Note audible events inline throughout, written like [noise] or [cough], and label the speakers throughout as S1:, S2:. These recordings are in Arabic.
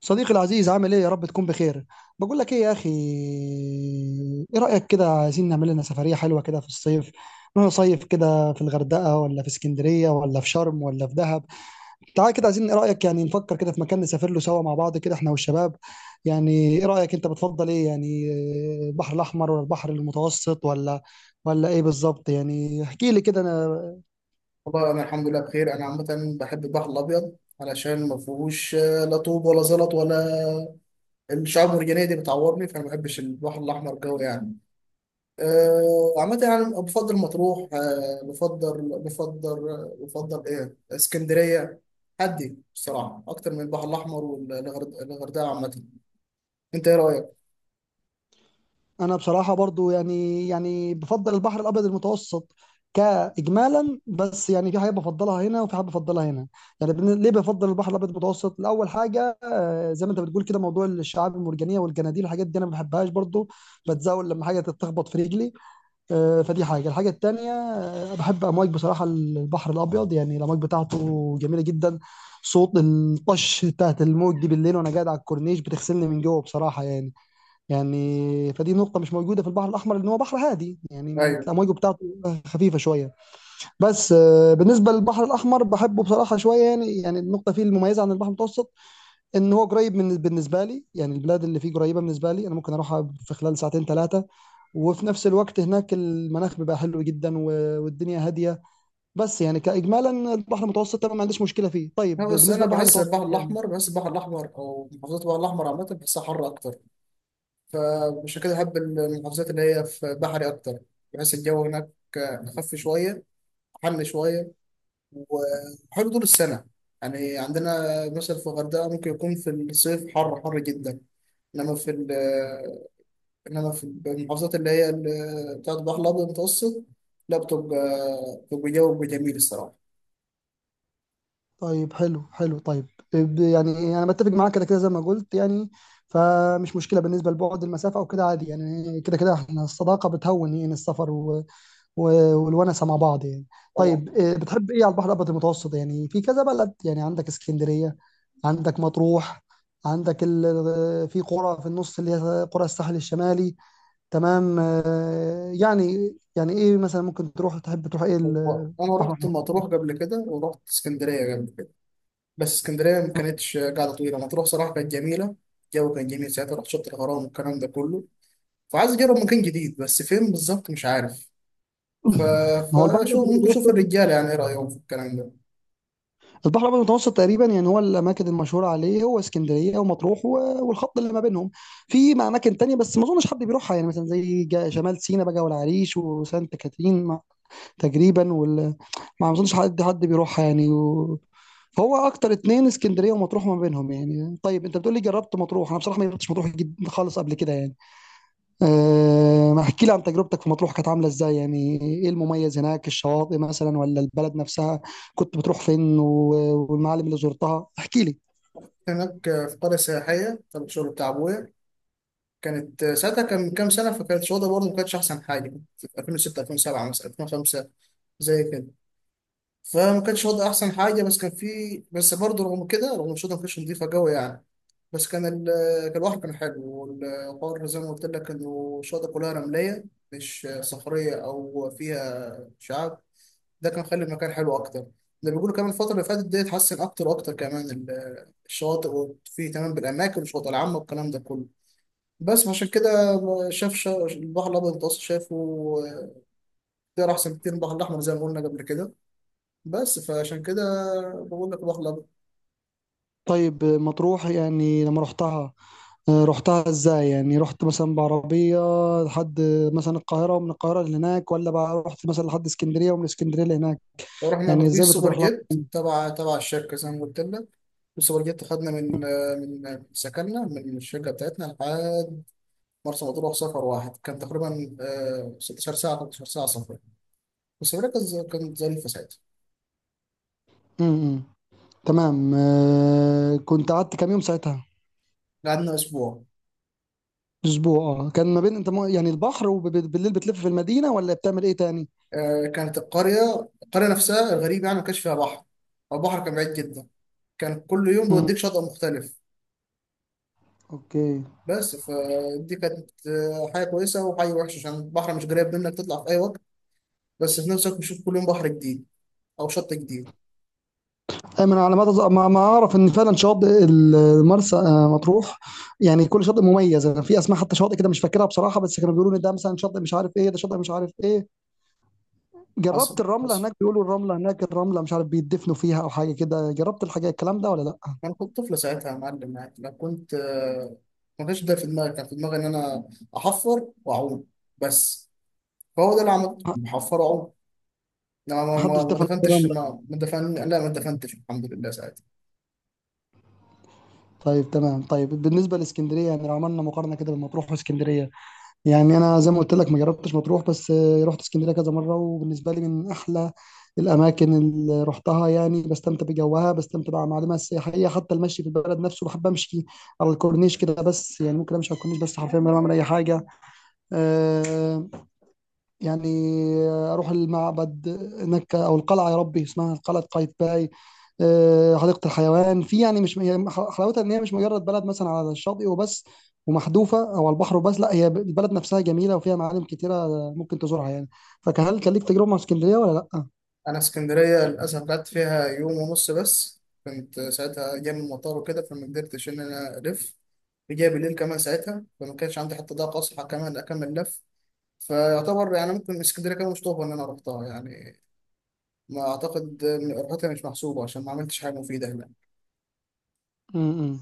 S1: صديقي العزيز، عامل ايه؟ يا رب تكون بخير. بقول لك ايه يا اخي، ايه رأيك؟ كده عايزين نعمل لنا سفرية حلوة كده في الصيف. نروح نصيف كده في الغردقة، ولا في اسكندرية، ولا في شرم، ولا في دهب؟ تعال كده، عايزين ايه رأيك، نفكر كده في مكان نسافر له سوا مع بعض، كده احنا والشباب. يعني ايه رأيك انت؟ بتفضل ايه يعني؟ البحر الاحمر ولا البحر المتوسط، ولا ايه بالظبط؟ يعني احكي لي كده. انا
S2: والله انا الحمد لله بخير. انا عامه بحب البحر الابيض علشان ما فيهوش لا طوب ولا زلط ولا الشعاب المرجانيه دي بتعورني، فانا ما بحبش البحر الاحمر جو يعني. عامه يعني بفضل مطروح، بفضل ايه اسكندريه. هدي بصراحه اكتر من البحر الاحمر والغردقه عامه. انت ايه رايك؟
S1: انا بصراحه برضو يعني بفضل البحر الابيض المتوسط كاجمالا، بس يعني في حاجه بفضلها هنا، وفي حاجه بفضلها هنا. يعني ليه بفضل البحر الابيض المتوسط؟ لاول حاجه، زي ما انت بتقول كده، موضوع الشعاب المرجانيه والجناديل، الحاجات دي انا ما بحبهاش برضو. بتزاول لما حاجه تتخبط في رجلي. فدي حاجه. الحاجه التانيه، بحب امواج بصراحه البحر الابيض. يعني الامواج بتاعته جميله جدا. صوت الطش بتاعت الموج دي بالليل وانا قاعد على الكورنيش بتغسلني من جوه بصراحه يعني. يعني فدي نقطة مش موجودة في البحر الأحمر، لأن هو بحر هادي يعني، ما
S2: ايوه.
S1: الأمواج بتاعته خفيفة شوية. بس بالنسبة للبحر الأحمر بحبه بصراحة شوية. يعني النقطة فيه المميزة عن البحر المتوسط، إن هو قريب من، بالنسبة لي يعني البلاد اللي فيه قريبة بالنسبة لي، أنا ممكن أروحها في خلال ساعتين ثلاثة. وفي نفس الوقت هناك المناخ بيبقى حلو جدا، والدنيا هادية. بس يعني كإجمالا البحر المتوسط أنا ما عنديش مشكلة فيه. طيب
S2: أنا، بس
S1: بالنسبة
S2: انا
S1: للبحر
S2: بحس البحر
S1: المتوسط يعني،
S2: الاحمر بحس البحر الاحمر او محافظات البحر الاحمر عامه بحسها حر اكتر. فمش كده، أحب المحافظات اللي هي في بحري أكتر، بحيث الجو هناك أخف شوية، حر شوية، وحلو طول السنة. يعني عندنا مثلا في الغردقة ممكن يكون في الصيف حر حر جدا. إنما في ال- إنما في المحافظات اللي هي بتاعت البحر الأبيض المتوسط، لا، بتبقى جو جميل الصراحة.
S1: طيب حلو حلو طيب، يعني انا بتفق معاك، كده كده زي ما قلت يعني، فمش مشكله بالنسبه لبعد المسافه او كده، عادي يعني. كده كده احنا الصداقه بتهون، يعني السفر و... والونسه مع بعض يعني.
S2: طبعا.
S1: طيب إيه، بتحب ايه على البحر الابيض المتوسط؟ يعني في كذا بلد، يعني عندك اسكندريه، عندك مطروح، في قرى، في النص اللي هي قرى الساحل الشمالي. تمام، يعني ايه مثلا ممكن تروح؟ تحب تروح ايه
S2: أنا
S1: البحر
S2: رحت
S1: الأبيض؟
S2: مطروح قبل كده ورحت اسكندرية قبل كده، بس اسكندرية ما كانتش قاعدة طويلة. مطروح صراحة كانت جميلة، الجو كان جميل ساعتها، رحت شط الغرام والكلام ده كله. فعايز أجرب مكان جديد بس فين بالظبط مش عارف. ف...
S1: هو البحر
S2: فشو
S1: الابيض
S2: ممكن أشوف
S1: المتوسط،
S2: الرجالة يعني إيه رأيهم في الكلام ده؟
S1: في البحر الابيض المتوسط تقريبا، يعني هو الاماكن المشهوره عليه هو اسكندريه ومطروح والخط اللي ما بينهم. اماكن تانية، بس ما اظنش حد بيروحها يعني، مثلا زي شمال سيناء بقى والعريش وسانت كاترين، تقريبا ما اظنش حد بيروحها يعني. فهو اكتر اتنين اسكندريه ومطروح، ما بينهم يعني. طيب انت بتقول لي جربت مطروح، انا بصراحه ما جربتش مطروح جد خالص قبل كده يعني. ما احكي لي عن تجربتك في مطروح، كانت عامله ازاي؟ يعني ايه المميز هناك؟ الشواطئ مثلا ولا البلد نفسها؟ كنت بتروح فين والمعالم اللي زرتها، احكي لي.
S2: هناك في قرية سياحية تبع الشغل بتاع أبويا. كانت ساعتها، كان من كام سنة، فكانت الوضع برضه ما كانتش أحسن حاجة. في 2006، 2007 مثلا، 2005، زي كده. فما كانش وضع أحسن حاجة، بس كان في بس برضه رغم كده، رغم الشغل، ما كانتش نضيفة قوي يعني. بس كان ال كان البحر كان حلو، والقار زي ما قلت لك، إنه الشاطئ كلها رملية، مش صخرية أو فيها شعاب. ده كان خلي المكان حلو أكتر. ده بيقولوا كمان الفترة اللي فاتت دي اتحسن أكتر وأكتر، كمان الشواطئ، وفيه تمام بالأماكن والشواطئ العامة والكلام ده كله. بس عشان كده البحر الأبيض المتوسط شايفه اختيار أحسن كتير من البحر الأحمر زي ما قلنا قبل كده. بس فعشان كده، بقول لك البحر الأبيض.
S1: طيب مطروح، يعني لما رحتها، رحتها ازاي؟ يعني رحت مثلا بعربيه لحد مثلا القاهره، ومن القاهره لهناك، ولا بقى رحت مثلا لحد اسكندريه ومن اسكندريه لهناك؟
S2: رحنا
S1: يعني ازاي
S2: باتوبيس سوبر
S1: بتطرح لها؟
S2: جيت تبع الشركه زي ما قلت لك. السوبر جيت خدنا من سكننا من الشركه بتاعتنا لحد مرسى مطروح. سفر واحد كان تقريبا 16 ساعه، 13 ساعه سفر. بس الرحله كانت كانت ظريفه ساعتها.
S1: امم. تمام، كنت قعدت كام يوم ساعتها؟
S2: قعدنا اسبوع.
S1: اسبوع. اه كان ما بين انت يعني البحر، وبالليل بتلف في المدينه، ولا بتعمل ايه تاني؟
S2: كانت القريه نفسها الغريب يعني، ما كانش فيها بحر، أو البحر كان بعيد جدا. كان كل يوم
S1: مم.
S2: بيوديك شاطئ مختلف.
S1: اوكي.
S2: بس فدي كانت حاجه كويسه وحاجه وحشه، عشان البحر مش قريب منك تطلع في اي وقت، بس في نفس الوقت بتشوف كل يوم بحر جديد او شط جديد.
S1: ايمن، على ما ما اعرف ان فعلا شاطئ المرسى مطروح، يعني كل شاطئ مميز. انا في اسماء حتى شاطئ كده مش فاكرها بصراحه، بس كانوا بيقولوا ان ده مثلا شاطئ مش عارف ايه، ده شاطئ مش عارف ايه.
S2: حصل،
S1: جربت الرمله
S2: حصل.
S1: هناك؟ بيقولوا الرمله هناك، الرمله مش عارف بيدفنوا فيها او حاجه كده، جربت الحاجه الكلام ده ولا لا؟
S2: انا كنت طفل ساعتها يا معلم، يعني انا كنت، ما كانش ده في دماغي، كان في دماغي ان انا احفر واعوم بس. فهو ده اللي عملته، بحفر واعوم. انا ما
S1: محدش
S2: ما ما
S1: دفن في
S2: دفنتش
S1: الرمله؟
S2: ما ما دفن لا ما دفنتش الحمد لله ساعتها.
S1: طيب تمام. طيب بالنسبه لاسكندريه، يعني لو عملنا مقارنه كده بين مطروح واسكندريه، يعني انا زي ما قلت لك ما جربتش مطروح، بس رحت اسكندريه كذا مره، وبالنسبه لي من احلى الاماكن اللي رحتها. يعني بستمتع بجوها، بستمتع بمعالمها السياحيه، حتى المشي في البلد نفسه بحب امشي على الكورنيش كده. بس يعني ممكن امشي على الكورنيش بس حرفيا من غير ما اعمل اي حاجه. آه، يعني، اروح المعبد هناك او القلعه، يا ربي اسمها قلعه قايتباي، حديقه الحيوان. في يعني مش هي حلاوتها ان هي مش مجرد بلد مثلا على الشاطئ وبس ومحذوفه، او على البحر وبس، لا هي البلد نفسها جميله وفيها معالم كتيره ممكن تزورها يعني. فهل كان ليك تجربه مع اسكندريه ولا لا؟
S2: انا اسكندريه للاسف قعدت فيها يوم ونص بس، كنت ساعتها جاي من المطار وكده، فما قدرتش ان انا الف. جاي بالليل كمان ساعتها، فما كانش عندي حتى ضاقه اصحى كمان اكمل لف. فيعتبر يعني، ممكن اسكندريه كده مش طوبه ان انا رحتها يعني، ما اعتقد ان رحلتها مش محسوبه عشان ما عملتش حاجه مفيده هناك.
S1: م- م.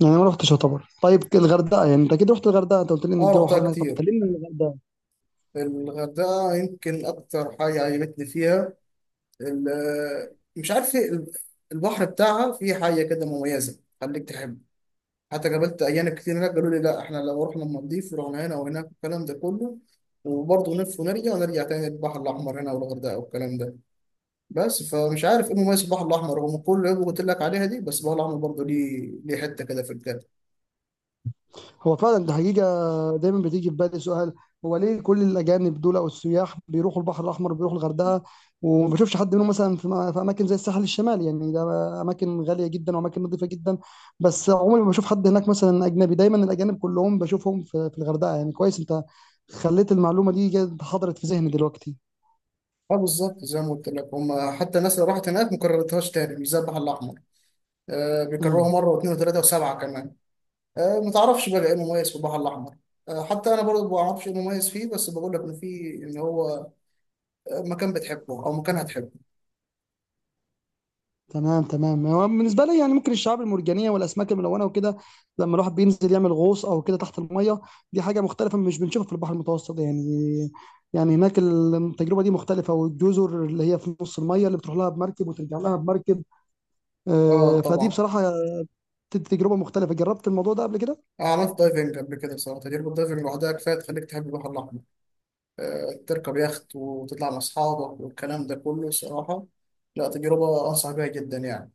S1: يعني ما رحتش يعتبر. طيب الغردقه، يعني انت اكيد رحت الغردقه، انت قلت لي ان
S2: اه،
S1: الجو
S2: رحتها
S1: حر هناك، طب
S2: كتير.
S1: كلمني عن الغردقه.
S2: الغردقه يمكن اكتر حاجه عجبتني فيها، مش عارف إيه، البحر بتاعها فيه حاجه كده مميزه خليك تحب. حتى قابلت اجانب كتير هناك قالوا لي لا، احنا لو رحنا المالديف ورحنا هنا وهناك والكلام ده كله، وبرضه نلف ونرجع، ونرجع تاني البحر الاحمر هنا والغردقه والكلام ده. بس فمش عارف ايه مميز البحر الاحمر، رغم كل اللي قلت لك عليها دي، بس البحر الاحمر برضه ليه حته كده في الجنة.
S1: هو فعلا دي حقيقة، دايما بتيجي في بالي سؤال: هو ليه كل الأجانب دول أو السياح بيروحوا البحر الأحمر، بيروحوا الغردقة، وما بشوفش حد منهم مثلا في أماكن زي الساحل الشمالي؟ يعني ده أماكن غالية جدا وأماكن نظيفة جدا، بس عمري ما بشوف حد هناك مثلا أجنبي. دايما الأجانب كلهم بشوفهم في الغردقة. يعني كويس أنت خليت المعلومة دي حضرت في ذهني دلوقتي.
S2: اه، بالظبط زي ما قلت لك هم، حتى الناس اللي راحت هناك ما كررتهاش تاني، مش زي البحر الاحمر. آه، بيكرروها
S1: مم.
S2: مره واثنين وثلاثه وسبعه كمان. آه، ما تعرفش بقى ايه المميز في البحر الاحمر. آه، حتى انا برضه ما اعرفش ايه المميز فيه، بس بقول لك ان في، ان هو مكان بتحبه او مكان هتحبه.
S1: تمام تمام. هو بالنسبه لي يعني ممكن الشعاب المرجانيه والاسماك الملونه وكده، لما الواحد بينزل يعمل غوص او كده تحت الميه، دي حاجه مختلفه مش بنشوفها في البحر المتوسط يعني. يعني هناك التجربه دي مختلفه، والجزر اللي هي في نص الميه اللي بتروح لها بمركب وترجع لها بمركب،
S2: اه،
S1: فدي
S2: طبعا.
S1: بصراحه تجربه مختلفه. جربت الموضوع ده قبل كده؟
S2: أنا عملت دايفنج قبل كده، بصراحة تجربة الدايفنج لوحدها كفاية تخليك تحب البحر الأحمر. تركب يخت وتطلع مع أصحابك والكلام ده كله الصراحة، لا، تجربة أنصح بيها جدا يعني.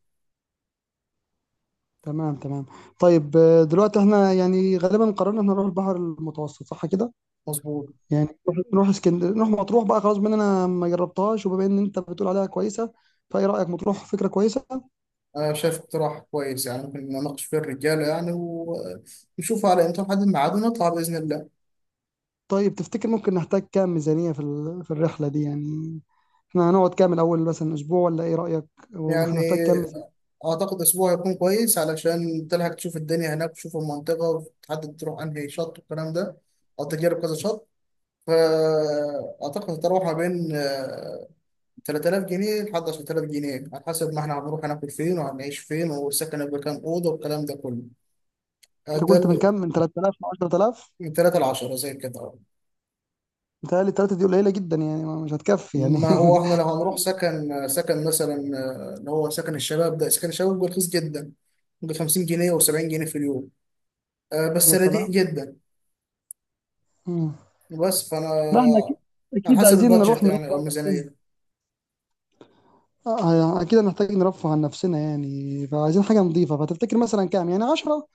S1: تمام تمام. طيب دلوقتي احنا يعني غالبا قررنا ان احنا نروح البحر المتوسط، صح كده؟
S2: مظبوط.
S1: يعني نروح اسكندريه، نروح مطروح بقى، خلاص، بما ان انا ما جربتهاش وبما ان انت بتقول عليها كويسه، فايه رايك مطروح فكره كويسه؟
S2: أنا شايف اقتراح كويس يعني، ممكن نناقش فيه الرجالة يعني، ونشوف على إمتى نحدد ميعاد، ونطلع بإذن الله.
S1: طيب تفتكر ممكن نحتاج كام ميزانيه في الرحله دي يعني؟ احنا هنقعد كام الاول؟ مثلا اسبوع، ولا ايه رايك؟ وما احنا
S2: يعني
S1: هنحتاج كام ميزانيه؟
S2: أعتقد أسبوع هيكون كويس علشان تلحق تشوف الدنيا هناك وتشوف المنطقة، وتحدد تروح أنهي شط والكلام ده، أو تجرب كذا شط. فأعتقد هتروح ما بين 3000 جنيه لحد 10000 جنيه، على حسب ما إحنا هنروح هناكل فين وهنعيش فين، والسكن هيبقى كام أوضة والكلام ده كله. آه،
S1: انت
S2: ده
S1: قلت من
S2: ال-
S1: كام؟ من 3000 ل 10000.
S2: من 3 ل 10 زي كده.
S1: متهيألي التلاتة دي قليله جدا يعني، مش هتكفي يعني.
S2: ما هو
S1: [laughs]
S2: احنا لو هنروح سكن مثلا، اللي هو سكن الشباب، ده سكن الشباب بيبقى رخيص جدا، ب 50 جنيه و70 جنيه في اليوم. بس
S1: يا
S2: رديء
S1: سلام.
S2: جدا.
S1: مم.
S2: بس فانا،
S1: لا احنا اكيد
S2: على
S1: اكيد
S2: حسب
S1: عايزين نروح
S2: البادجت
S1: نروح.
S2: يعني، او الميزانيه.
S1: يعني اكيد هنحتاج نرفه عن نفسنا يعني، فعايزين حاجه نظيفه. فتفتكر مثلا كام؟ يعني 10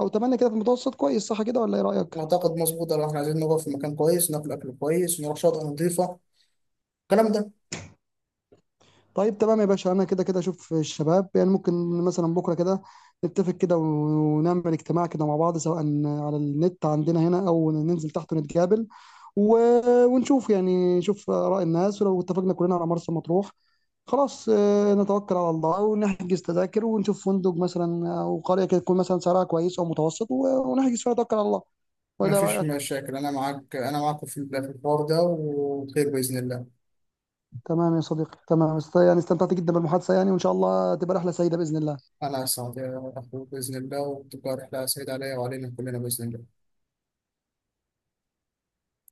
S1: او 8 كده في المتوسط كويس صح كده ولا ايه رايك؟
S2: اعتقد مظبوطه لو احنا عايزين نقعد في مكان كويس، ناكل اكل كويس، نروح شاطئ نظيفه، الكلام ده.
S1: طيب تمام يا باشا. انا كده كده اشوف الشباب يعني، ممكن مثلا بكره كده نتفق كده ونعمل اجتماع كده مع بعض، سواء على النت عندنا هنا او ننزل تحت ونتقابل و... ونشوف، يعني نشوف آراء الناس. ولو اتفقنا كلنا على مرسى مطروح، خلاص نتوكل على الله ونحجز تذاكر ونشوف فندق مثلا، او قريه كده تكون مثلا سعرها كويس او متوسط ونحجز فيها، نتوكل على الله.
S2: ما
S1: ولا
S2: فيش
S1: رايك؟
S2: مشاكل، انا معاك، انا معاك في الحوار ده وخير باذن الله.
S1: تمام يا صديقي، تمام. يعني استمتعت جدا بالمحادثه يعني، وان شاء الله تبقى رحله سعيده باذن الله.
S2: انا اسعد يا اخوي باذن الله، وتبقى رحله سعيده عليا وعلينا كلنا باذن الله.